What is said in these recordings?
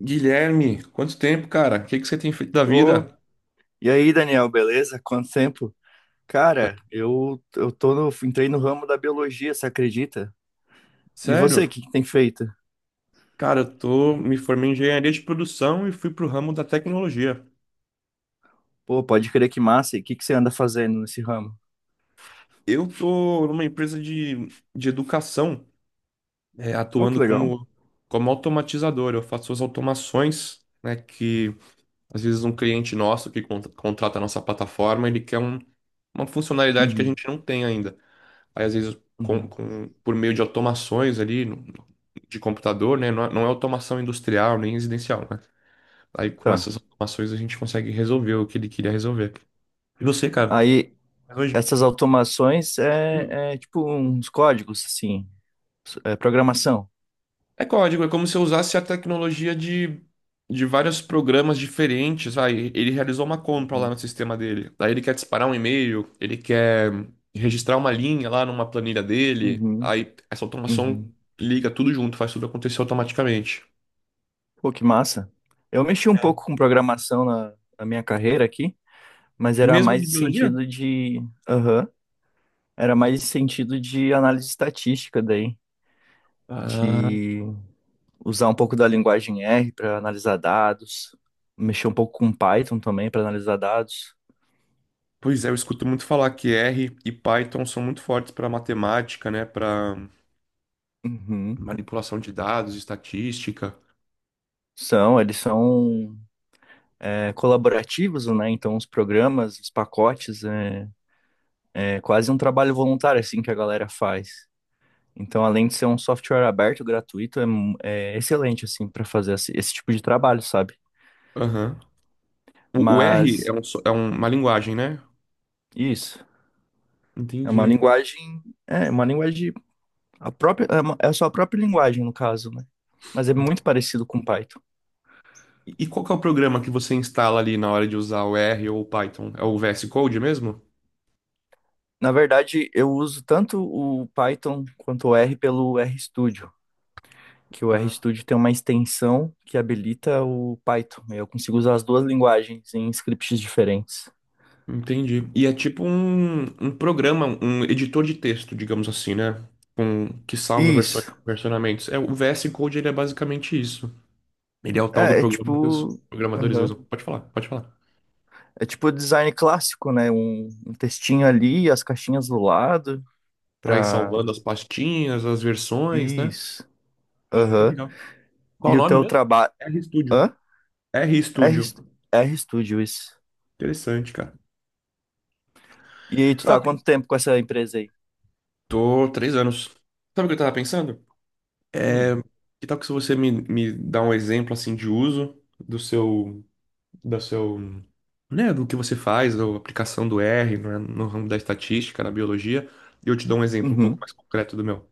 Guilherme, quanto tempo, cara? O que que você tem feito da Ô, vida? e aí, Daniel, beleza? Quanto tempo? Cara, eu tô no, entrei no ramo da biologia, você acredita? E Sério? você, o que que tem feito? Cara, me formei em engenharia de produção e fui pro ramo da tecnologia. Pô, pode crer que massa, e o que que você anda fazendo nesse ramo? Eu tô numa empresa de educação, Ô, que atuando legal. como automatizador. Eu faço as automações, né, que às vezes um cliente nosso que contrata a nossa plataforma, ele quer uma funcionalidade que a Uhum, gente não tem ainda. Aí, às vezes, uhum. Por meio de automações ali de computador, né? Não, não é automação industrial nem residencial, né? Aí, com Tá. essas automações, a gente consegue resolver o que ele queria resolver. E você, cara? Aí, Mas hoje. essas automações Hum. é tipo uns códigos, assim, é programação. É código, é como se eu usasse a tecnologia de vários programas diferentes. Vai, ele realizou uma compra lá Uhum, no sistema dele. Aí ele quer disparar um e-mail, ele quer registrar uma linha lá numa planilha dele. uhum, Aí essa automação uhum. liga tudo junto, faz tudo acontecer automaticamente. Pô, que massa. Eu mexi um pouco com programação na minha carreira aqui, mas era Mesmo mais de no biologia? sentido de. Aham. Era mais sentido de análise estatística daí, Ah, de usar um pouco da linguagem R para analisar dados, mexer um pouco com Python também para analisar dados. pois é, eu escuto muito falar que R e Python são muito fortes para matemática, né? Para Uhum. manipulação de dados, estatística. São, eles são colaborativos, né? Então os programas, os pacotes, é quase um trabalho voluntário assim que a galera faz. Então, além de ser um software aberto, gratuito, é excelente assim para fazer esse tipo de trabalho, sabe? Aham. O R Mas uma linguagem, né? isso é uma Entendi. linguagem, é uma linguagem. A própria, é a sua própria linguagem, no caso, né? Mas é muito parecido com Python. E qual que é o programa que você instala ali na hora de usar o R ou o Python? É o VS Code mesmo? Na verdade, eu uso tanto o Python quanto o R pelo RStudio, que o Ah, RStudio tem uma extensão que habilita o Python. Eu consigo usar as duas linguagens em scripts diferentes. entendi. E é tipo um programa, um editor de texto, digamos assim, né? Com, que salva versões, Isso. versionamentos. O VS Code ele é basicamente isso. Ele é o tal do É programa que os tipo. programadores Aham. usam. Pode falar, pode falar. É tipo design clássico, né? Um textinho ali, as caixinhas do lado, Pra ir pra. salvando as pastinhas, as versões, né? Isso. Que Aham. legal. Qual E o o nome teu mesmo? trabalho. RStudio. Hã? RStudio. RStudio, isso. Interessante, cara. E aí, tu tá Tá, há quanto tempo com essa empresa aí? tô 3 anos. Sabe o que eu tava pensando? É, Hum, que tal que se você me dá um exemplo assim de uso do seu, da seu, né, do que você faz, da aplicação do R, né, no ramo da estatística, na biologia, e eu te dou um exemplo um pouco uhum, mais concreto do meu.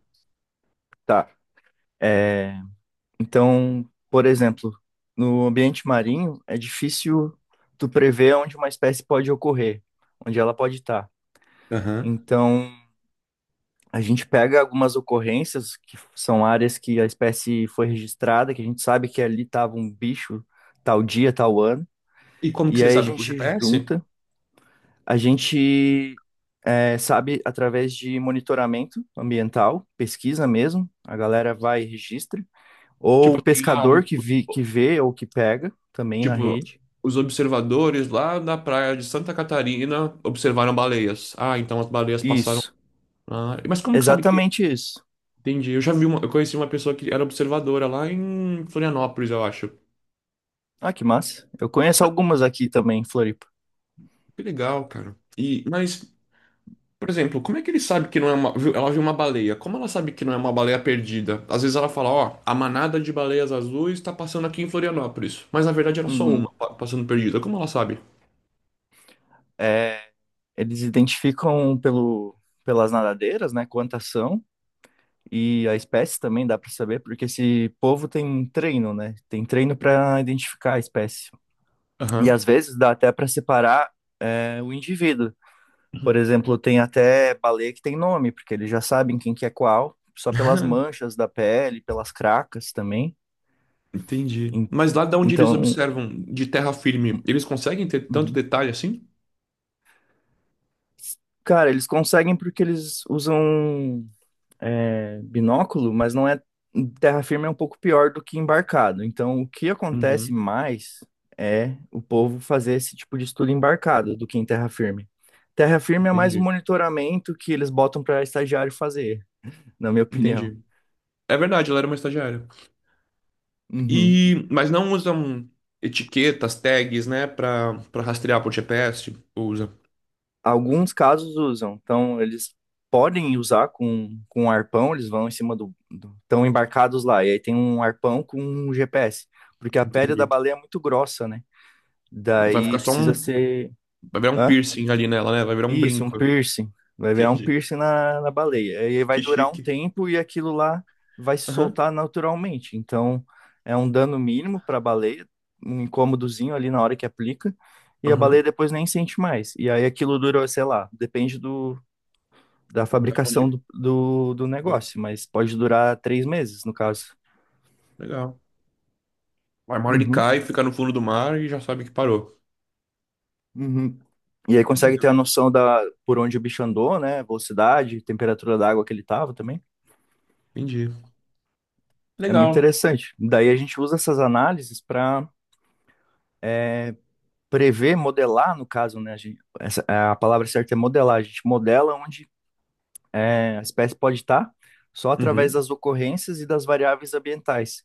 tá. É, então, por exemplo, no ambiente marinho, é difícil tu prever onde uma espécie pode ocorrer, onde ela pode estar. Aham. Então, a gente pega algumas ocorrências, que são áreas que a espécie foi registrada, que a gente sabe que ali estava um bicho tal dia, tal ano, E como que e vocês aí a sabem por gente GTS? junta. A gente sabe através de monitoramento ambiental, pesquisa mesmo, a galera vai e registra, ou o Tipo assim, ah, pescador que vê ou que pega também na tipo, rede. os observadores lá na praia de Santa Catarina observaram baleias. Ah, então as baleias passaram. Isso, Ah, mas como que sabe que é? exatamente isso. Entendi. Eu já vi uma, eu conheci uma pessoa que era observadora lá em Florianópolis, eu acho. Ah, que massa. Eu conheço Mas, algumas aqui também em Floripa. que legal, cara. E, mas, por exemplo, como é que ele sabe que não é Ela viu uma baleia. Como ela sabe que não é uma baleia perdida? Às vezes ela fala, ó, a manada de baleias azuis tá passando aqui em Florianópolis. Mas na verdade era só Uhum. uma passando perdida. Como ela sabe? É, Eles identificam pelas nadadeiras, né, quantas são, e a espécie também dá para saber, porque esse povo tem treino, né? Tem treino para identificar a espécie. E Aham. às vezes dá até para separar o indivíduo. Por exemplo, tem até baleia que tem nome, porque eles já sabem quem que é qual, só pelas manchas da pele, pelas cracas também. Entendi. En- Mas lá de onde eles Então, observam de terra firme, eles conseguem ter tanto uhum, detalhe assim? cara, eles conseguem porque eles usam binóculo, mas não é terra firme é um pouco pior do que embarcado. Então, o que acontece Uhum, mais é o povo fazer esse tipo de estudo embarcado do que em terra firme. Terra firme é mais um entendi. monitoramento que eles botam para estagiário fazer, na minha opinião. Entendi. É verdade, ela era uma estagiária. Uhum. E mas não usam etiquetas, tags, né, Pra para rastrear por GPS, ou usa. Alguns casos usam, então eles podem usar com um arpão, eles vão em cima do, do. Estão embarcados lá, e aí tem um arpão com um GPS, porque a pele da Entendi. baleia é muito grossa, né? Vai Daí ficar só precisa um, ser. Vai virar um Hã? piercing ali nela, né? Vai virar um Isso, um brinco. piercing. Vai virar um Entendi. piercing na baleia. Aí vai Que durar um chique. tempo e aquilo lá vai se Aham. soltar naturalmente. Então, é um dano mínimo para a baleia, um incômodozinho ali na hora que aplica, e a baleia Aham. depois nem sente mais. E aí aquilo dura, sei lá, depende da Vai fabricação onde? do negócio, mas pode durar três meses, no caso. Legal. Vai, uma ele Uhum, cai, fica no fundo do mar e já sabe que parou. uhum. E aí consegue Legal. ter a noção da por onde o bicho andou, né? Velocidade, temperatura da água que ele tava também. Entendi. É muito Legal. interessante. Daí a gente usa essas análises para prever, modelar, no caso, né? A palavra certa é modelar. A gente modela onde a espécie pode estar só através Uhum, das ocorrências e das variáveis ambientais.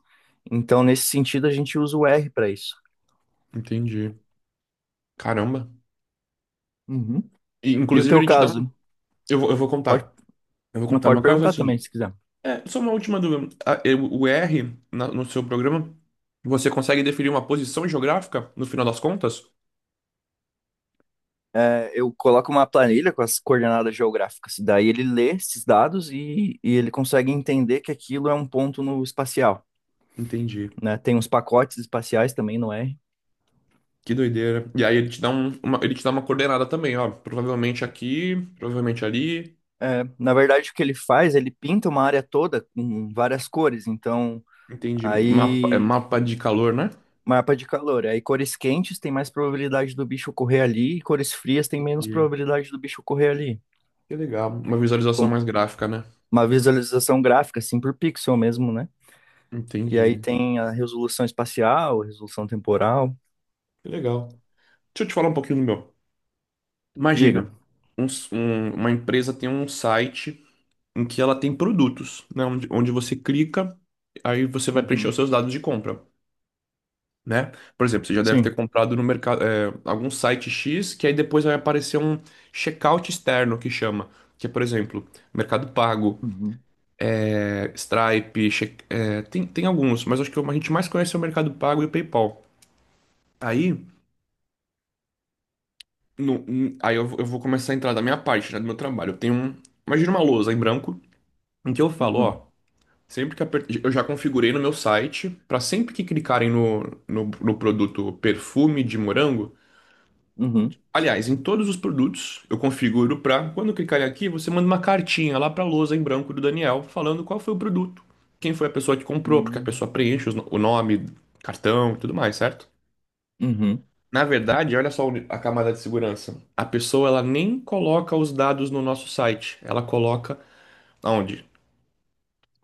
Então, nesse sentido, a gente usa o R para isso. entendi. Caramba. Uhum. E, E o inclusive, teu ele te dá um. caso? Eu vou Pode, contar. Eu vou contar pode meu caso perguntar também, assim. se quiser. Só uma última dúvida. O R, no seu programa, você consegue definir uma posição geográfica no final das contas? É, eu coloco uma planilha com as coordenadas geográficas. Daí ele lê esses dados e ele consegue entender que aquilo é um ponto no espacial, Entendi. né? Tem uns pacotes espaciais também no R. Que doideira. E aí ele te dá uma coordenada também, ó. Provavelmente aqui, provavelmente ali. Na verdade, o que ele faz, ele pinta uma área toda com várias cores. Então, Entendi. Mapa, é aí, mapa de calor, né? mapa de calor. Aí, cores quentes tem mais probabilidade do bicho correr ali, e cores frias tem menos E- probabilidade do bicho correr ali. Que legal. Uma visualização Com mais gráfica, né? uma visualização gráfica, assim, por pixel mesmo, né? E aí Entendi. tem a resolução espacial, resolução temporal. Que legal. Deixa eu te falar um pouquinho do meu. Diga. Imagina, uma empresa tem um site em que ela tem produtos, né? Onde você clica, aí você vai preencher os Uhum. seus dados de compra, né? Por exemplo, você já deve ter Sim. comprado no mercado, algum site X, que aí depois vai aparecer um checkout externo que chama. Que é, por exemplo, Mercado Pago, Uhum. Stripe, tem alguns, mas acho que a gente mais conhece é o Mercado Pago e o PayPal. Aí, aí eu vou começar a entrar da minha parte, né, do meu trabalho. Eu tenho um, imagina uma lousa em branco, em que eu falo, Uhum. ó. Sempre que apertar, eu já configurei no meu site para sempre que clicarem no produto perfume de morango. Uhum. Aliás, em todos os produtos eu configuro para quando clicarem aqui, você manda uma cartinha lá para a lousa em branco do Daniel falando qual foi o produto, quem foi a pessoa que comprou, porque a Uhum. pessoa preenche os no- o nome, cartão e tudo mais, certo? Uhum. Na verdade, olha só a camada de segurança. A pessoa ela nem coloca os dados no nosso site, ela coloca aonde?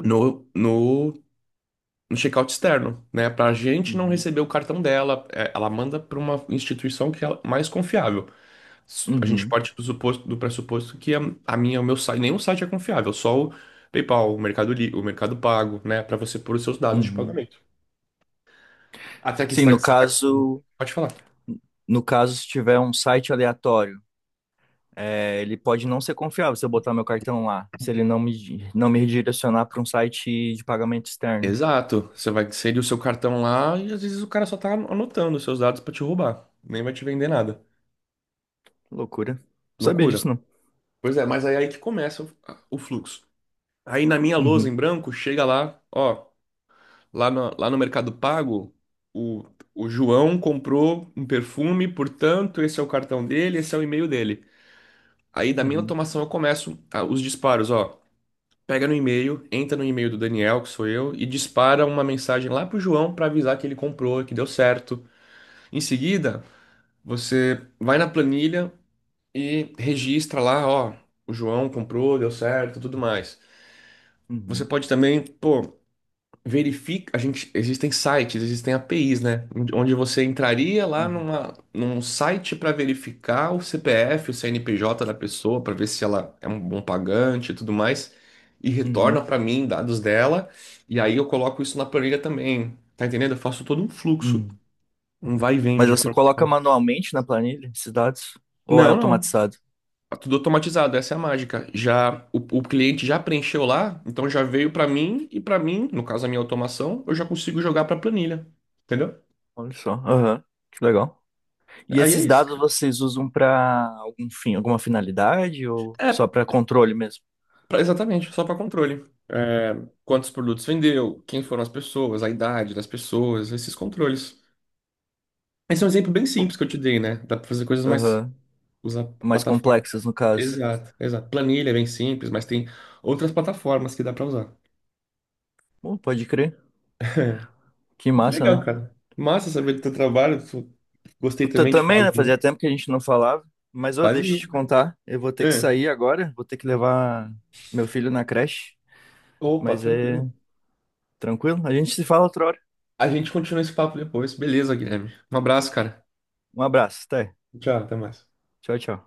No, no no checkout externo, né? Para a gente não Uhum. receber o cartão dela, ela manda para uma instituição que é mais confiável. A gente Uhum. parte do pressuposto que a minha, o meu site, nenhum site é confiável, só o PayPal, o Mercado Pago, né? Para você pôr os seus dados de Uhum. pagamento. Até aqui você Sim, tá, no você tá conseguindo. caso. Pode falar. No caso, se tiver um site aleatório, ele pode não ser confiável se eu botar meu cartão lá, se ele não me redirecionar para um site de pagamento externo. Exato. Você vai inserir o seu cartão lá e às vezes o cara só tá anotando os seus dados para te roubar. Nem vai te vender nada. Loucura. Não sabia Loucura. disso, não. Pois é, mas aí que começa o fluxo. Aí na minha lousa em Uhum, branco, chega lá, ó, Lá no Mercado Pago, o, o João comprou um perfume, portanto, esse é o cartão dele, esse é o e-mail dele. Aí da minha uhum, automação eu começo os disparos, ó. Pega no e-mail, entra no e-mail do Daniel, que sou eu, e dispara uma mensagem lá pro João para avisar que ele comprou, que deu certo. Em seguida, você vai na planilha e registra lá, ó, o João comprou, deu certo, tudo mais. Você uhum, pode também, pô, verifica, a gente, existem sites, existem APIs, né? Onde você entraria lá uhum, num site para verificar o CPF, o CNPJ da pessoa, para ver se ela é um bom pagante e tudo mais, e uhum, retorna para mim dados dela, e aí eu coloco isso na planilha também. Tá entendendo? Eu faço todo um fluxo, uhum. um vai e vem Mas de você coloca informações. manualmente na planilha esses dados? Ou é Não, não. automatizado? Tá tudo automatizado, essa é a mágica. Já o cliente já preencheu lá, então já veio para mim e para mim, no caso a minha automação, eu já consigo jogar para planilha. Entendeu? Olha só. Aham, que legal. E Aí é esses isso, dados cara. vocês usam para algum fim, alguma finalidade ou só É, para controle mesmo? Exatamente, só para controle. Quantos produtos vendeu, quem foram as pessoas, a idade das pessoas, esses controles. Esse é um exemplo bem Pô, simples que eu te dei, né? Dá para fazer coisas mais. aham. Usar a Mais plataforma. complexas, no caso. Exato, exato. Planilha é bem simples, mas tem outras plataformas que dá para usar. Pô, pode crer. Que Que massa, legal, né? cara. Massa saber do teu trabalho. Gostei Eu também de falar também, do né? meu. Fazia tempo que a gente não falava. Mas, ô, Faz deixa eu aí. te contar. Eu vou ter que É. sair agora. Vou ter que levar meu filho na creche. Opa, Mas é tranquilo. tranquilo. A gente se fala outra hora. A gente continua esse papo depois. Beleza, Guilherme. Um abraço, cara. Um abraço. Até. Tchau, até mais. Tchau, tchau.